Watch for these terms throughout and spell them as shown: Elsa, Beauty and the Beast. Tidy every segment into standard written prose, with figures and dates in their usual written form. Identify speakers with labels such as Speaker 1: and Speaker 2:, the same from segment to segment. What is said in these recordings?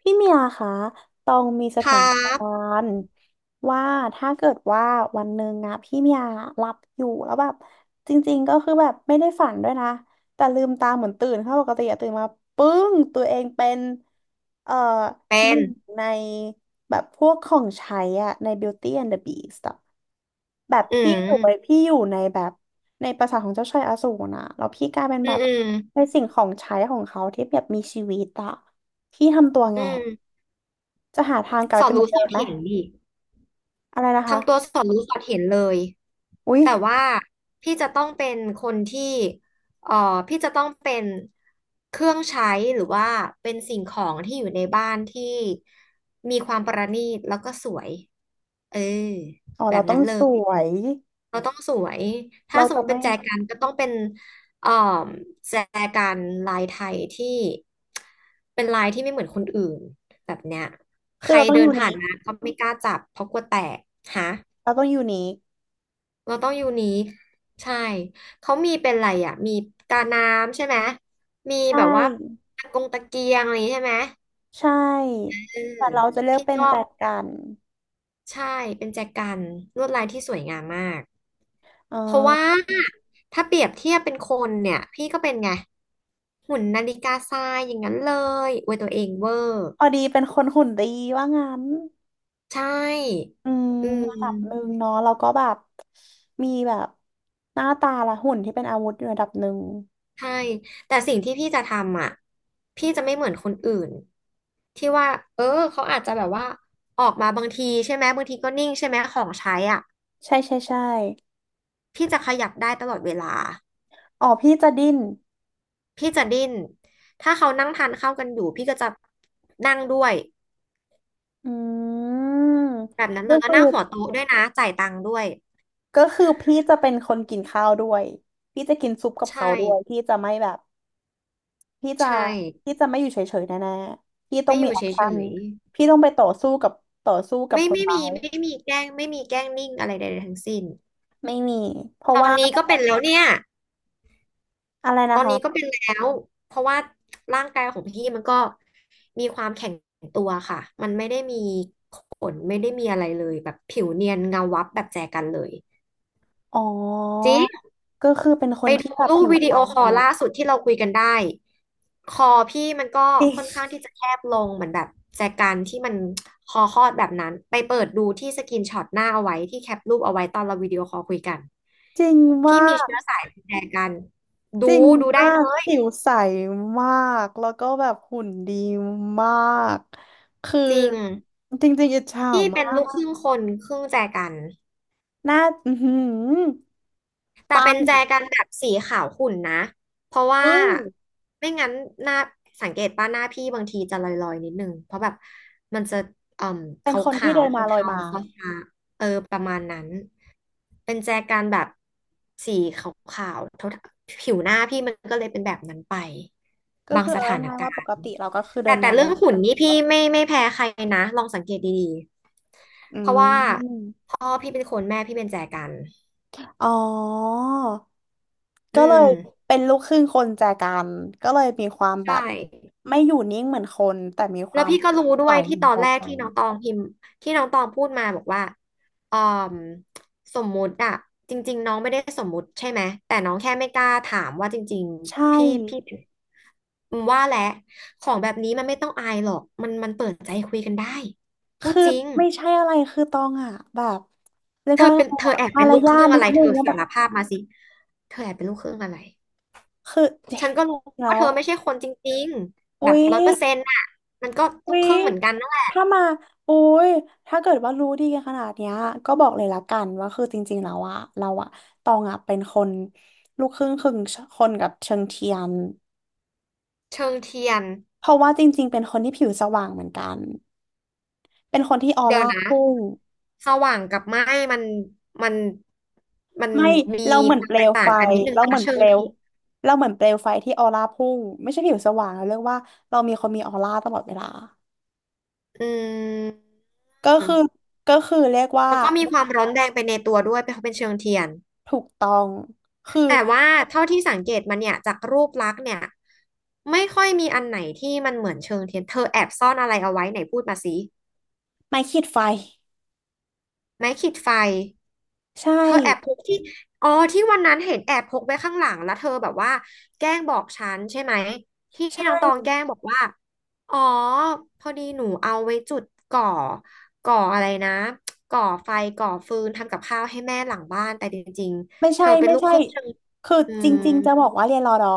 Speaker 1: พี่เมียคะตองมีส
Speaker 2: ค
Speaker 1: ถา
Speaker 2: รั
Speaker 1: นกา
Speaker 2: บ
Speaker 1: รณ์ว่าถ้าเกิดว่าวันหนึ่งอะพี่เมียหลับอยู่แล้วแบบจริงๆก็คือแบบไม่ได้ฝันด้วยนะแต่ลืมตาเหมือนตื่นค่ะปกติอะตื่นมาปึ้งตัวเองเป็นเอ่อ
Speaker 2: เป็
Speaker 1: หนึ่
Speaker 2: น
Speaker 1: งในแบบพวกของใช้อะใน Beauty and the Beast อะแบบ
Speaker 2: อื
Speaker 1: พี่อยู่ไป
Speaker 2: ม
Speaker 1: พี่อยู่ในแบบในปราสาทของเจ้าชายอสูรนะแล้วพี่กลายเป็น
Speaker 2: อื
Speaker 1: แบ
Speaker 2: ม
Speaker 1: บ
Speaker 2: อืม
Speaker 1: ในสิ่งของใช้ของเขาที่แบบมีชีวิตอะพี่ทำตัวไง
Speaker 2: อืม
Speaker 1: จะหาทางกลา
Speaker 2: ส
Speaker 1: ย
Speaker 2: อ
Speaker 1: เป็
Speaker 2: ด
Speaker 1: นเหมือ
Speaker 2: รู้
Speaker 1: น
Speaker 2: ส
Speaker 1: เดิ
Speaker 2: อ
Speaker 1: ม
Speaker 2: ด
Speaker 1: ไหม
Speaker 2: เห็นดิ
Speaker 1: อะไรนะ
Speaker 2: ทำตัว
Speaker 1: คะ
Speaker 2: สอดรู้สอดเห็นเลย
Speaker 1: อุ๊ย
Speaker 2: แต่ว่าพี่จะต้องเป็นคนที่เอ่อพี่จะต้องเป็นเครื่องใช้หรือว่าเป็นสิ่งของที่อยู่ในบ้านที่มีความประณีตแล้วก็สวยเออ
Speaker 1: อ๋อ
Speaker 2: แบ
Speaker 1: เรา
Speaker 2: บ
Speaker 1: ต้อ
Speaker 2: นั้
Speaker 1: ง
Speaker 2: นเล
Speaker 1: ส
Speaker 2: ย
Speaker 1: วย
Speaker 2: เราต้องสวยถ้า
Speaker 1: เรา
Speaker 2: สมม
Speaker 1: จะ
Speaker 2: ติเป็
Speaker 1: ไม่
Speaker 2: นแจกันก็ต้องเป็นเอ่อแจกันลายไทยที่เป็นลายที่ไม่เหมือนคนอื่นแบบเนี้ยใค
Speaker 1: คือ
Speaker 2: ร
Speaker 1: เราต้อง
Speaker 2: เดิน
Speaker 1: ยูนิ
Speaker 2: ผ่าน
Speaker 1: ค
Speaker 2: มาก็ไม่กล้าจับเพราะกลัวแตกฮะ
Speaker 1: เราต้องยูนิค
Speaker 2: เราต้องยูนิคใช่เขามีเป็นอะไรอ่ะมีกาน้ำใช่ไหม มี
Speaker 1: ใช่
Speaker 2: แบบว่าตะกงตะเกียงอะไรอย่างงี้ใช่ไหม
Speaker 1: ใช
Speaker 2: เอ
Speaker 1: ่
Speaker 2: อ
Speaker 1: แต่เราจะเลือก
Speaker 2: พี่
Speaker 1: เป็น
Speaker 2: ก็
Speaker 1: แจกัน
Speaker 2: ใช่เป็นแจกันลวดลายที่สวยงามมาก
Speaker 1: อ่
Speaker 2: เพราะว่า
Speaker 1: า
Speaker 2: ถ้าเปรียบเทียบเป็นคนเนี่ยพี่ก็เป็นไงหุ่นนาฬิกาทรายอย่างนั้นเลยอวยตัวเองเวอร์
Speaker 1: พอดีเป็นคนหุ่นดีว่างั้น
Speaker 2: ใช่
Speaker 1: อืม
Speaker 2: อื
Speaker 1: ระดับหนึ่ง
Speaker 2: ม
Speaker 1: เนาะเราก็แบบมีแบบหน้าตาและหุ่นที่เป็นอาวุธอยู่ระดับหนึ่ง
Speaker 2: ใช่แต่สิ่งที่พี่จะทำอ่ะพี่จะไม่เหมือนคนอื่นที่ว่าเออเขาอาจจะแบบว่าออกมาบางทีใช่ไหมบางทีก็นิ่งใช่ไหมของใช้อ่ะ
Speaker 1: ใช่ใช่ใช่
Speaker 2: พี่จะขยับได้ตลอดเวลา
Speaker 1: อ๋อพี่จะดิ้น
Speaker 2: พี่จะดิ้นถ้าเขานั่งทานข้าวกันอยู่พี่ก็จะนั่งด้วย
Speaker 1: อืม
Speaker 2: แบบนั้นเล
Speaker 1: ก็
Speaker 2: ยแล้ว
Speaker 1: คือ
Speaker 2: นั่งหัวโต๊ะด้วยนะจ่ายตังค์ด้วย
Speaker 1: พี่จะเป็นคนกินข้าวด้วยพี่จะกินซุปกับ
Speaker 2: ใช่
Speaker 1: เขาด้วยพี่จะไม่แบบพี่จะ
Speaker 2: ใช่
Speaker 1: พี่จะไม่อยู่เฉยๆแน่ๆพี่ต้อง
Speaker 2: ไม่อ
Speaker 1: มี
Speaker 2: ยู่
Speaker 1: แอ
Speaker 2: เฉ
Speaker 1: คชั่น
Speaker 2: ย
Speaker 1: พี่ต้องไปต่อสู้กับต่อสู้
Speaker 2: ๆ
Speaker 1: กับ
Speaker 2: ไม่
Speaker 1: คน
Speaker 2: ไม่
Speaker 1: ร้า
Speaker 2: มี
Speaker 1: ย
Speaker 2: ไม่มีแกล้งไม่มีแกล้งนิ่งอะไรใดๆทั้งสิ้น
Speaker 1: ไม่มีเพราะ
Speaker 2: ตอน
Speaker 1: ว่า
Speaker 2: นี้ก็เป็นแล้วเนี่ย
Speaker 1: อะไร
Speaker 2: ต
Speaker 1: นะ
Speaker 2: อนนี้ก็
Speaker 1: คะ
Speaker 2: เป็นแล้วเพราะว่าร่างกายของพี่มันก็มีความแข็งตัวค่ะ มันไม่ได้มีขนไม่ได้มีอะไรเลยแบบผิวเนียนเงาวับแบบแจกันเลย
Speaker 1: อ๋อ
Speaker 2: จริง
Speaker 1: ก็คือเป็นค
Speaker 2: ไป
Speaker 1: นที่
Speaker 2: ดู
Speaker 1: แบบ
Speaker 2: รูป
Speaker 1: ผิว
Speaker 2: วิ
Speaker 1: ใส
Speaker 2: ดีโอคอล
Speaker 1: เนี่ย
Speaker 2: ล่าสุดที่เราคุยกันได้คอพี่มันก็
Speaker 1: จริง
Speaker 2: ค่อนข้างที่จะแคบลงเหมือนแบบแจกันที่มันคอคอดแบบนั้นไปเปิดดูที่สกินช็อตหน้าเอาไว้ที่แคปรูปเอาไว้ตอนเราวิดีโอคอลคุยกัน
Speaker 1: จริง
Speaker 2: พี่
Speaker 1: มา
Speaker 2: มี
Speaker 1: ก
Speaker 2: เชื้อสายแจกันดู
Speaker 1: จริง
Speaker 2: ดูได้
Speaker 1: มา
Speaker 2: เล
Speaker 1: ก
Speaker 2: ย
Speaker 1: ผิวใสมากแล้วก็แบบหุ่นดีมากคือ
Speaker 2: จริง
Speaker 1: จริงๆอิจฉา
Speaker 2: พี่เป็น
Speaker 1: มา
Speaker 2: ลูก
Speaker 1: ก
Speaker 2: ครึ่งคนครึ่งแจกัน
Speaker 1: หน้าอือหือ
Speaker 2: แต่
Speaker 1: ปั
Speaker 2: เป็
Speaker 1: ง
Speaker 2: นแจกันแบบสีขาวขุ่นนะ เพราะว่า
Speaker 1: เฮ้ย
Speaker 2: ไม่งั้นหน้าสังเกตป่ะหน้าพี่บางทีจะลอยๆนิดนึงเพราะแบบมันจะเอ่อ
Speaker 1: เป็นคนที่
Speaker 2: ขาว
Speaker 1: เดิ
Speaker 2: ๆ
Speaker 1: นมาลอย
Speaker 2: เทา
Speaker 1: มา
Speaker 2: ๆฟ้าๆเออประมาณนั้นเป็นแจกันแบบสีขาวๆเทาๆผิวหน้าพี่มันก็เลยเป็นแบบนั้นไป
Speaker 1: ก็
Speaker 2: บาง
Speaker 1: คือ
Speaker 2: ส
Speaker 1: เอา
Speaker 2: ถาน
Speaker 1: ง่ายๆว่า
Speaker 2: กา
Speaker 1: ป
Speaker 2: ร
Speaker 1: ก
Speaker 2: ณ์
Speaker 1: ติเราก็คือเดิ
Speaker 2: แต่
Speaker 1: น
Speaker 2: แต่
Speaker 1: มาล
Speaker 2: เรื่
Speaker 1: อ
Speaker 2: อง
Speaker 1: ย
Speaker 2: หุ่น
Speaker 1: มา
Speaker 2: นี่พี่ไม่แพ้ใครนะลองสังเกตดี
Speaker 1: อื
Speaker 2: ๆเพราะว่า
Speaker 1: ม
Speaker 2: พ่อพี่เป็นคนแม่พี่เป็นแจกัน
Speaker 1: อ๋อ
Speaker 2: อื
Speaker 1: ก็เล
Speaker 2: ม
Speaker 1: ยเป็นลูกครึ่งคนแจกันก็เลยมีความแบบ
Speaker 2: ใช่
Speaker 1: ไม่อยู่นิ่งเหมือนคนแต่มีค
Speaker 2: แล้
Speaker 1: วา
Speaker 2: ว
Speaker 1: ม
Speaker 2: พี่ก็รู้ด้
Speaker 1: ใส
Speaker 2: วย
Speaker 1: เห
Speaker 2: ที่
Speaker 1: มือน
Speaker 2: ตอ
Speaker 1: แจ
Speaker 2: นแรก
Speaker 1: กัน
Speaker 2: ที่น้องตองพิมพ์ที่น้องตองพูดมาบอกว่าออมสมมุติอะจริงๆน้องไม่ได้สมมุติใช่ไหมแต่น้องแค่ไม่กล้าถามว่าจริง
Speaker 1: ใช่
Speaker 2: ๆพี่อืมว่าแหละของแบบนี้มันไม่ต้องอายหรอกมันเปิดใจคุยกันได้พูด
Speaker 1: คือ
Speaker 2: จริง
Speaker 1: ไม่ใช่อะไรคือตองอ่ะแบบเรียก
Speaker 2: เธ
Speaker 1: ว่า
Speaker 2: อเป็น
Speaker 1: ไง
Speaker 2: เธอ
Speaker 1: อะ
Speaker 2: แอบ
Speaker 1: มา
Speaker 2: เป็น
Speaker 1: ร
Speaker 2: ลูกค
Speaker 1: ยา
Speaker 2: รึ่
Speaker 1: ท
Speaker 2: ง
Speaker 1: นิ
Speaker 2: อะ
Speaker 1: ด
Speaker 2: ไร
Speaker 1: นึ
Speaker 2: เธ
Speaker 1: ง
Speaker 2: อ
Speaker 1: ว่าแบ
Speaker 2: สา
Speaker 1: บ
Speaker 2: รภาพมาสิเธอแอบเป็นลูกครึ่งอะไร
Speaker 1: คือเจ๊
Speaker 2: ฉันก็รู้
Speaker 1: แล้
Speaker 2: ว่า
Speaker 1: ว
Speaker 2: เธอไม่ใช่คนจริงๆแบ
Speaker 1: อุ๊
Speaker 2: บ
Speaker 1: ย
Speaker 2: ร้อยเปอร์เซ็นต์อะมันก็ลู
Speaker 1: อุ๊
Speaker 2: กค
Speaker 1: ย
Speaker 2: รึ่งเหมือนกันนั่นแหละ
Speaker 1: ถ้ามาอุ๊ยถ้าเกิดว่ารู้ดีขนาดเนี้ยก็บอกเลยละกันว่าคือจริงๆแล้วอะเราอะตองอะเป็นคนลูกครึ่งครึ่งคนกับเชิงเทียน
Speaker 2: เชิงเทียน
Speaker 1: เพราะว่าจริงๆเป็นคนที่ผิวสว่างเหมือนกันเป็นคนที่ออ
Speaker 2: เดี๋ยว
Speaker 1: ร่า
Speaker 2: นะ
Speaker 1: พุ่ง
Speaker 2: สว่างกับไหม้มันมันมัน
Speaker 1: ไม่
Speaker 2: มี
Speaker 1: เราเหมือ
Speaker 2: ค
Speaker 1: น
Speaker 2: วา
Speaker 1: เป
Speaker 2: ม
Speaker 1: ล
Speaker 2: แตก
Speaker 1: ว
Speaker 2: ต่า
Speaker 1: ไฟ
Speaker 2: งกันนิดนึง
Speaker 1: เรา
Speaker 2: นะ
Speaker 1: เหมือน
Speaker 2: เชิ
Speaker 1: เป
Speaker 2: ง
Speaker 1: ลว
Speaker 2: เทียน
Speaker 1: เราเหมือนเปลวไฟที่ออร่าพุ่งไม่ใช่ผิวสว่างเราเรียกว่าเรามีคนมีออร่าตลอดเวลา
Speaker 2: อืม
Speaker 1: ก็คือเรียกว่า
Speaker 2: แล้วก็มีความร้อนแรงไปในตัวด้วยเพราะเป็นเชิงเทียน
Speaker 1: ถูกต้องคือ
Speaker 2: แต่ว่าเท่าที่สังเกตมันเนี่ยจากรูปลักษณ์เนี่ยไม่ค่อยมีอันไหนที่มันเหมือนเชิงเทียน เธอแอบซ่อนอะไรเอาไว้ไหนพูดมาสิ
Speaker 1: ไม่ขีดไฟ
Speaker 2: ไม้ขีดไฟ
Speaker 1: ใช่
Speaker 2: เธอแอบพกที่อ๋อที่วันนั้นเห็นแอบพกไว้ข้างหลังแล้วเธอแบบว่าแกล้งบอกฉันใช่ไหมที่น้องต
Speaker 1: ใช่
Speaker 2: องแกล้งบอกว่าอ๋อพอดีหนูเอาไว้จุดก่อก่ออะไรนะก่อไฟก่อฟืนทำกับข้าวให้แม่หลังบ้านแต่จริงๆเธอเป็น
Speaker 1: ไม่
Speaker 2: ลูก
Speaker 1: ใช่
Speaker 2: ครึ่งเธอ
Speaker 1: คือ
Speaker 2: อื
Speaker 1: จ
Speaker 2: ม
Speaker 1: ริงๆจะบอกว่าเรียนรอดอ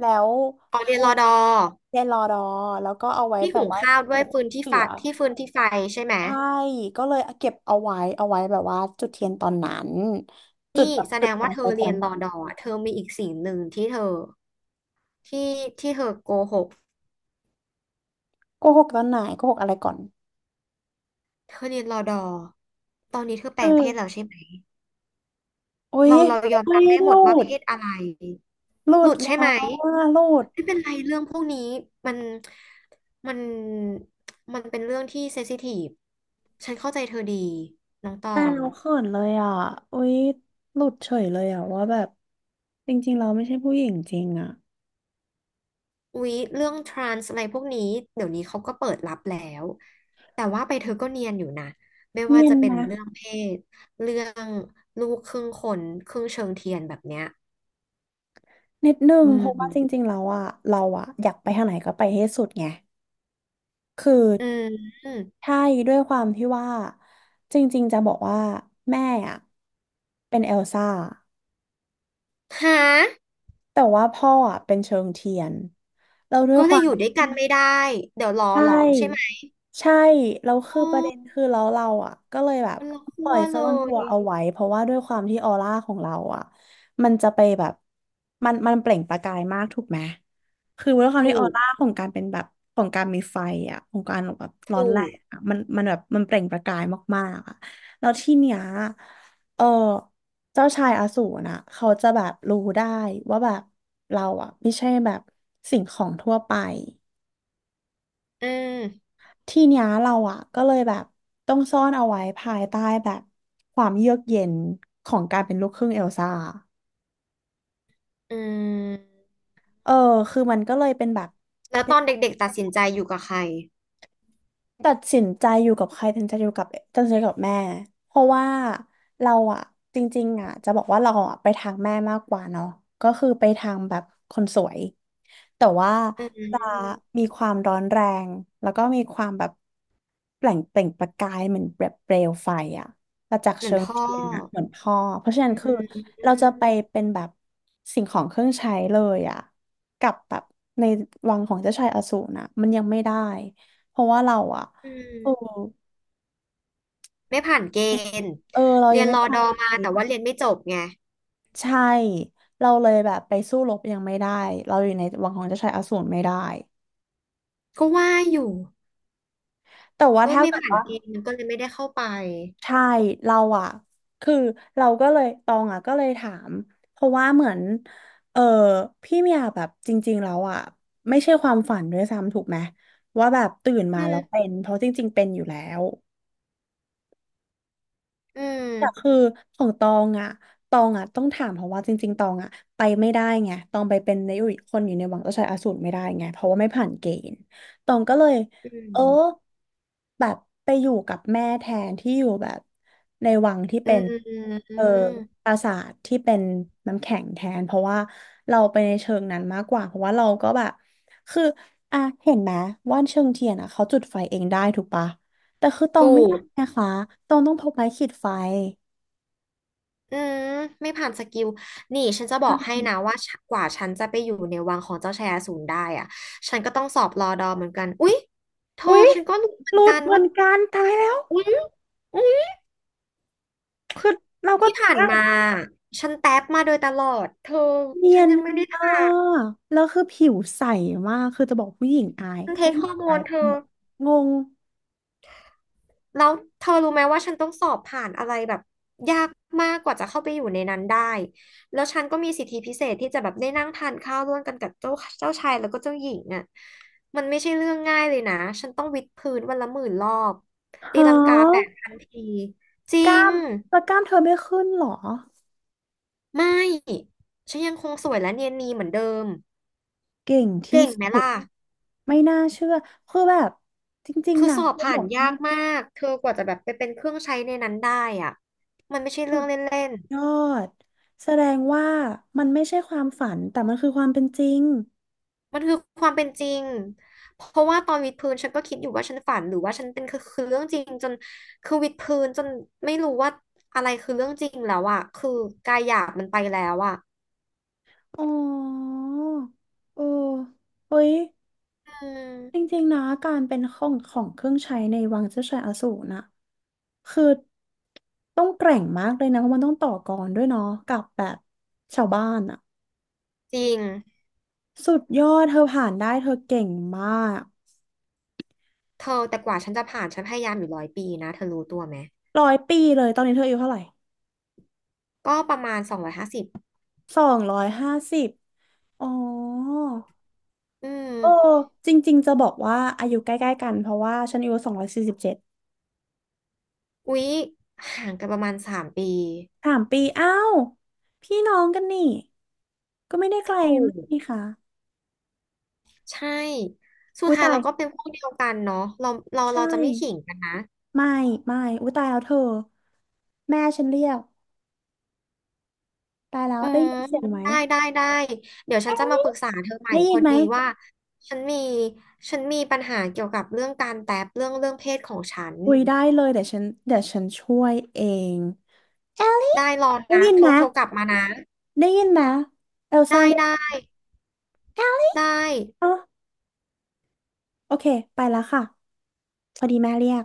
Speaker 1: แล้ว
Speaker 2: อ๋อ
Speaker 1: เอ
Speaker 2: เรีย
Speaker 1: อ
Speaker 2: นรอดอ
Speaker 1: เรียนรอดอแล้วก็เอาไว้
Speaker 2: ที่
Speaker 1: แบบ
Speaker 2: หุง
Speaker 1: ว่า
Speaker 2: ข้าวด้
Speaker 1: ผู
Speaker 2: วย
Speaker 1: ก
Speaker 2: ฟืนที่
Speaker 1: เสื
Speaker 2: ไฟ
Speaker 1: อ
Speaker 2: ที่ฟืนที่ไฟใช่ไหม
Speaker 1: ใช่ก็เลยเก็บเอาไว้เอาไว้แบบว่าจุดเทียนตอนนั้นจุด
Speaker 2: นี่
Speaker 1: แบบ
Speaker 2: แส
Speaker 1: จุ
Speaker 2: ด
Speaker 1: ด
Speaker 2: ง
Speaker 1: ดว
Speaker 2: ว่า
Speaker 1: ง
Speaker 2: เธ
Speaker 1: ไฟ
Speaker 2: อ
Speaker 1: ตอ
Speaker 2: เรีย
Speaker 1: น
Speaker 2: นร
Speaker 1: นั้
Speaker 2: อ
Speaker 1: น
Speaker 2: ดอเธอมีอีกสิ่งหนึ่งที่เธอที่ที่เธอโกหก
Speaker 1: โกหกตอนไหนโกหกอะไรก่อน
Speaker 2: เธอเรียนรอดอตอนนี้เธอแปล
Speaker 1: คือ
Speaker 2: งเพศแล้วใช่ไหม
Speaker 1: อุ้ย
Speaker 2: เรา
Speaker 1: เ
Speaker 2: ยอม
Speaker 1: ฮ้
Speaker 2: รับ
Speaker 1: ย
Speaker 2: ได้
Speaker 1: ห
Speaker 2: หม
Speaker 1: ลุ
Speaker 2: ดว่าเพ
Speaker 1: ด
Speaker 2: ศอะไรหลุด
Speaker 1: แล้
Speaker 2: ใช่ไหม
Speaker 1: วว่าหลุด
Speaker 2: ไม่เป็นไรเรื่องพวกนี้มันมันมันเป็นเรื่องที่เซนซิทีฟฉันเข้าใจเธอดีน้องตอ
Speaker 1: อ้า
Speaker 2: ง
Speaker 1: วเขินเลยอ่ะอุยหลุดเฉยเลยอ่ะว่าแบบจริงๆเราไม่ใช่ผู้หญิงจริงอ่ะ
Speaker 2: อุ๊ยเรื่องทรานส์อะไรพวกนี้เดี๋ยวนี้เขาก็เปิดรับแล้วแต่ว่าไปเธอก็เนียนอยู่นะไม่
Speaker 1: เนี
Speaker 2: ว่า
Speaker 1: ยน
Speaker 2: จะเป็น
Speaker 1: นะ
Speaker 2: เรื่องเพศเรื่องลูกครึ่งคนครึ่งเชิงเทียนแบบเนี้ย
Speaker 1: นิดนึง
Speaker 2: อื
Speaker 1: เพราะว่าจ
Speaker 2: ม
Speaker 1: ริงๆแล้วอะเราอะอยากไปทางไหนก็ไปให้สุดไงคือ
Speaker 2: อืม
Speaker 1: ใช่ด้วยความที่ว่าจริงๆจะบอกว่าแม่อะเป็นเอลซ่า
Speaker 2: ฮะ
Speaker 1: แต่ว่าพ่ออะเป็นเชิงเทียนเราด้วย
Speaker 2: ก็
Speaker 1: ค
Speaker 2: เลย
Speaker 1: วา
Speaker 2: อ
Speaker 1: ม
Speaker 2: ยู่ด้วยกันไม่ได้เดี๋ยวรอ
Speaker 1: ใช
Speaker 2: หลอมใช่ไหม
Speaker 1: ่ใช่แล้ว
Speaker 2: อ๋
Speaker 1: คือ
Speaker 2: อ
Speaker 1: ประเด็นคือเราอ่ะก็เลยแบบ
Speaker 2: มันละ
Speaker 1: ปล่
Speaker 2: ขั้
Speaker 1: อ
Speaker 2: ว
Speaker 1: ยซ่อ
Speaker 2: เล
Speaker 1: นตั
Speaker 2: ย
Speaker 1: วเอาไว้เพราะว่าด้วยความที่ออร่าของเราอ่ะมันจะไปแบบมันเปล่งประกายมากถูกไหมคือด้วยความที่
Speaker 2: ถู
Speaker 1: ออ
Speaker 2: ก
Speaker 1: ร่าของการเป็นแบบของการมีไฟอ่ะของการแบบร้อน
Speaker 2: ถู
Speaker 1: แร
Speaker 2: ก
Speaker 1: งอ่ะมันแบบมันเปล่งประกายมากๆอ่ะแล้วที่เนี้ยเออเจ้าชายอสูรน่ะเขาจะแบบรู้ได้ว่าแบบเราอ่ะไม่ใช่แบบสิ่งของทั่วไป
Speaker 2: อืม
Speaker 1: ทีเนี้ยเราอ่ะก็เลยแบบต้องซ่อนเอาไว้ภายใต้แบบความเยือกเย็นของการเป็นลูกครึ่งเอลซ่า
Speaker 2: อืม
Speaker 1: เออคือมันก็เลยเป็นแบบ
Speaker 2: แล้วตอนเด็กๆตัดสินใจอยู่กับใคร
Speaker 1: ตัดสินใจอยู่กับใครตัดสินใจอยู่กับตัดสินใจกับแม่เพราะว่าเราอะจริงๆอะจะบอกว่าเราอะไปทางแม่มากกว่าเนาะก็คือไปทางแบบคนสวยแต่ว่า
Speaker 2: อืม
Speaker 1: จะมีความร้อนแรงแล้วก็มีความแบบแปล่งเปล่งประกายเหมือนแบบเปลวไฟอะประจักษ์
Speaker 2: เหมือ
Speaker 1: เชิ
Speaker 2: น
Speaker 1: ง
Speaker 2: พ่อ
Speaker 1: เทียนอะเหมือนพ่อเพราะฉะนั้
Speaker 2: อื
Speaker 1: นคือ
Speaker 2: ม
Speaker 1: เราจะไปเป็นแบบสิ่งของเครื่องใช้เลยอะกับแบบในวังของเจ้าชายอสูรนะมันยังไม่ได้ เพราะว่าเราอะ
Speaker 2: อื
Speaker 1: เออ
Speaker 2: มไม่ผ่านเกณฑ์
Speaker 1: เออเรา
Speaker 2: เรี
Speaker 1: ยั
Speaker 2: ย
Speaker 1: ง
Speaker 2: น
Speaker 1: ไม่
Speaker 2: รอ
Speaker 1: ผ่า
Speaker 2: ด
Speaker 1: น
Speaker 2: อมา
Speaker 1: เก
Speaker 2: แต่
Speaker 1: ณฑ์
Speaker 2: ว่าเรียนไม่จบไง
Speaker 1: ใช่ เราเลยแบบไปสู้รบยังไม่ได้เราอยู่ในวังของเจ้าชายอสูรไม่ได้
Speaker 2: ก็ว่าอยู่
Speaker 1: แต่ว่า
Speaker 2: ก็
Speaker 1: ถ้า
Speaker 2: ไม่
Speaker 1: เกิด
Speaker 2: ผ่าน
Speaker 1: ว่า
Speaker 2: เกณฑ์ก็เลยไม่ได้เข้าไป
Speaker 1: ใช่เราอะ คือเราก็เลยตองอะก็เลยถามเพราะว่าเหมือนเออพี่เมียแบบจริงๆแล้วอะไม่ใช่ความฝันด้วยซ้ำถูกไหมว่าแบบตื่นมา
Speaker 2: อื
Speaker 1: แล้ว
Speaker 2: ม
Speaker 1: เป็น เพราะจริงๆเป็นอยู่แล้ว
Speaker 2: อื
Speaker 1: แต่คื
Speaker 2: ม
Speaker 1: อของตองอ่ะต้องถามเพราะว่าจริงๆตองอ่ะไปไม่ได้ไงตองไปเป็นในคนอยู่ในวังเจ้าชายอสูรไม่ได้ไงเพราะว่าไม่ผ่านเกณฑ์ตองก็เลย
Speaker 2: อื
Speaker 1: เออ
Speaker 2: ม
Speaker 1: แบบไปอยู่กับแม่แทนที่อยู่แบบในวังที่
Speaker 2: อื
Speaker 1: เป็นเอ
Speaker 2: ม
Speaker 1: อปราสาทที่เป็นน้ำแข็งแทนเพราะว่าเราไปในเชิงนั้นมากกว่าเพราะว่าเราก็แบบคืออ่ะเห็นไหมว่านเชิงเทียนอ่ะเขาจุดไฟเองได้ถูกปะแต่คือตอง
Speaker 2: ถู
Speaker 1: ไม่ได้
Speaker 2: ก
Speaker 1: นะคะตองต้องพกไม้ขีดไฟ
Speaker 2: อืมไม่ผ่านสกิลนี่ฉันจะบอกให้นะว่าฉันกว่าฉันจะไปอยู่ในวังของเจ้าชายอสูรได้อ่ะฉันก็ต้องสอบรอดอเหมือนกันอุ๊ยเธอ
Speaker 1: อุ๊ย
Speaker 2: ฉันก็รู้เหมื
Speaker 1: ห
Speaker 2: อน
Speaker 1: ลุ
Speaker 2: กั
Speaker 1: ด
Speaker 2: น
Speaker 1: เหมื
Speaker 2: ว่า
Speaker 1: อนกันตายแล้ว
Speaker 2: อุ๊ยอุ๊ย
Speaker 1: คือเราก็
Speaker 2: ที่ผ่าน
Speaker 1: อ้าว
Speaker 2: มาฉันแท็บมาโดยตลอดเธอ
Speaker 1: เนี
Speaker 2: ฉั
Speaker 1: ย
Speaker 2: น
Speaker 1: น
Speaker 2: ยังไม่ได้
Speaker 1: มา
Speaker 2: ผ่าน
Speaker 1: กแล้วคือผิวใสมากคือจะบอกผู้หญิงอาย
Speaker 2: ฉันเท
Speaker 1: ผู้
Speaker 2: ค
Speaker 1: หญิ
Speaker 2: ฮ
Speaker 1: ง
Speaker 2: อร์โม
Speaker 1: อา
Speaker 2: น
Speaker 1: ย
Speaker 2: เธ
Speaker 1: ห
Speaker 2: อ
Speaker 1: มดงง
Speaker 2: แล้วเธอรู้ไหมว่าฉันต้องสอบผ่านอะไรแบบยากมากกว่าจะเข้าไปอยู่ในนั้นได้ แล้วฉันก็มีสิทธิพิเศษที่จะแบบได้นั่งทานข้าวร่วมกันกับเจ้าชายแล้วก็เจ้าหญิงอ่ะมันไม่ใช่เรื่องง่ายเลยนะ ฉันต้องวิดพื้นวันละ10,000 รอบ
Speaker 1: ฮ
Speaker 2: ตีลังกาแป
Speaker 1: ะ
Speaker 2: ดพันทีจริ
Speaker 1: กล้า
Speaker 2: ง
Speaker 1: มแล้วกล้ามเธอไม่ขึ้นเหรอ
Speaker 2: ไม่ ฉันยังคงสวยและเนียนนีเหมือนเดิม
Speaker 1: เก่งที่
Speaker 2: เก่งไหม
Speaker 1: สุด
Speaker 2: ล่ะ
Speaker 1: ไม่น่าเชื่อคือแบบจริง
Speaker 2: คื
Speaker 1: ๆ
Speaker 2: อ
Speaker 1: นะ
Speaker 2: สอบ
Speaker 1: กะ
Speaker 2: ผ่า
Speaker 1: บ
Speaker 2: น
Speaker 1: อก
Speaker 2: ยา
Speaker 1: ว่า
Speaker 2: กมากเธอกว่าจะแบบไปเป็นเครื่องใช้ในนั้นได้อ่ะมันไม่ใช่
Speaker 1: สุ
Speaker 2: เรื่อง
Speaker 1: ด
Speaker 2: เล่น
Speaker 1: ยอดแสดงว่ามันไม่ใช่ความฝันแต่มันคือความเป็นจริง
Speaker 2: มันคือความเป็นจริงเพราะว่าตอนวิดพื้นฉันก็คิดอยู่ว่าฉันฝันหรือว่าฉันเป็นคือเรื่องจริงจนคือวิดพื้นจนไม่รู้ว่าอะไรคือเรื่องจริงแล้วอะคือกายหยาบมันไปแล้วอะ
Speaker 1: อ๋อเออเฮ้ย
Speaker 2: อื
Speaker 1: จ
Speaker 2: ม
Speaker 1: ริงๆนะการเป็นของเครื่องใช้ในวังเจ้าชายอสูรน่ะคือต้องแกร่งมากเลยนะเพราะมันต้องต่อกรด้วยเนาะกับแบบชาวบ้านอ่ะ
Speaker 2: จริง
Speaker 1: สุดยอดเธอผ่านได้เธอเก่งมาก
Speaker 2: เธอแต่กว่าฉันจะผ่านฉันพยายามอยู่100 ปีนะเธอรู้ตัวไหม
Speaker 1: 100 ปีเลยตอนนี้เธออายุเท่าไหร่
Speaker 2: ก็ประมาณ250
Speaker 1: 250อ๋อ
Speaker 2: อื
Speaker 1: เออ
Speaker 2: ม
Speaker 1: จริงๆจะบอกว่าอายุใกล้ๆกันเพราะว่าฉันอายุ247
Speaker 2: อุ๊ยห่างกันประมาณ3 ปี
Speaker 1: 3 ปีอ้าวพี่น้องกันนี่ก็ไม่ได้
Speaker 2: ถ
Speaker 1: ไกล
Speaker 2: ู
Speaker 1: มา
Speaker 2: ก
Speaker 1: กนี่ค่ะ
Speaker 2: ใช่สุด
Speaker 1: อุ้ย
Speaker 2: ท้าย
Speaker 1: ตาย
Speaker 2: เราก็เป็นพวกเดียวกันเนาะเราเรา
Speaker 1: ใช่
Speaker 2: เราจะไม่ขิงกันนะ
Speaker 1: ไม่ไม่อุ้ยตายแล้วเธอแม่ฉันเรียกตายแล้ว
Speaker 2: อื
Speaker 1: ได้
Speaker 2: ม
Speaker 1: ยินเสียงไหม
Speaker 2: ได้ได้ได้เดี๋ยวฉันจะมาปรึกษาเธอใหม่
Speaker 1: ได้
Speaker 2: พ
Speaker 1: ยิ
Speaker 2: อ
Speaker 1: นไหม
Speaker 2: ดีว่าฉันมีฉันมีปัญหาเกี่ยวกับเรื่องการแตบเรื่องเพศของฉัน
Speaker 1: อุ้ยได้เลยเดี๋ยวฉันช่วยเอง
Speaker 2: ได้รอ
Speaker 1: ได้
Speaker 2: นะ
Speaker 1: ยิน
Speaker 2: โทร
Speaker 1: ไหม
Speaker 2: โทรกลับมานะ
Speaker 1: ได้ยินไหมเอลซ่า
Speaker 2: ได้
Speaker 1: เรีย
Speaker 2: ได้
Speaker 1: ก
Speaker 2: ได้
Speaker 1: อ๋อโอเคไปแล้วค่ะพอดีแม่เรียก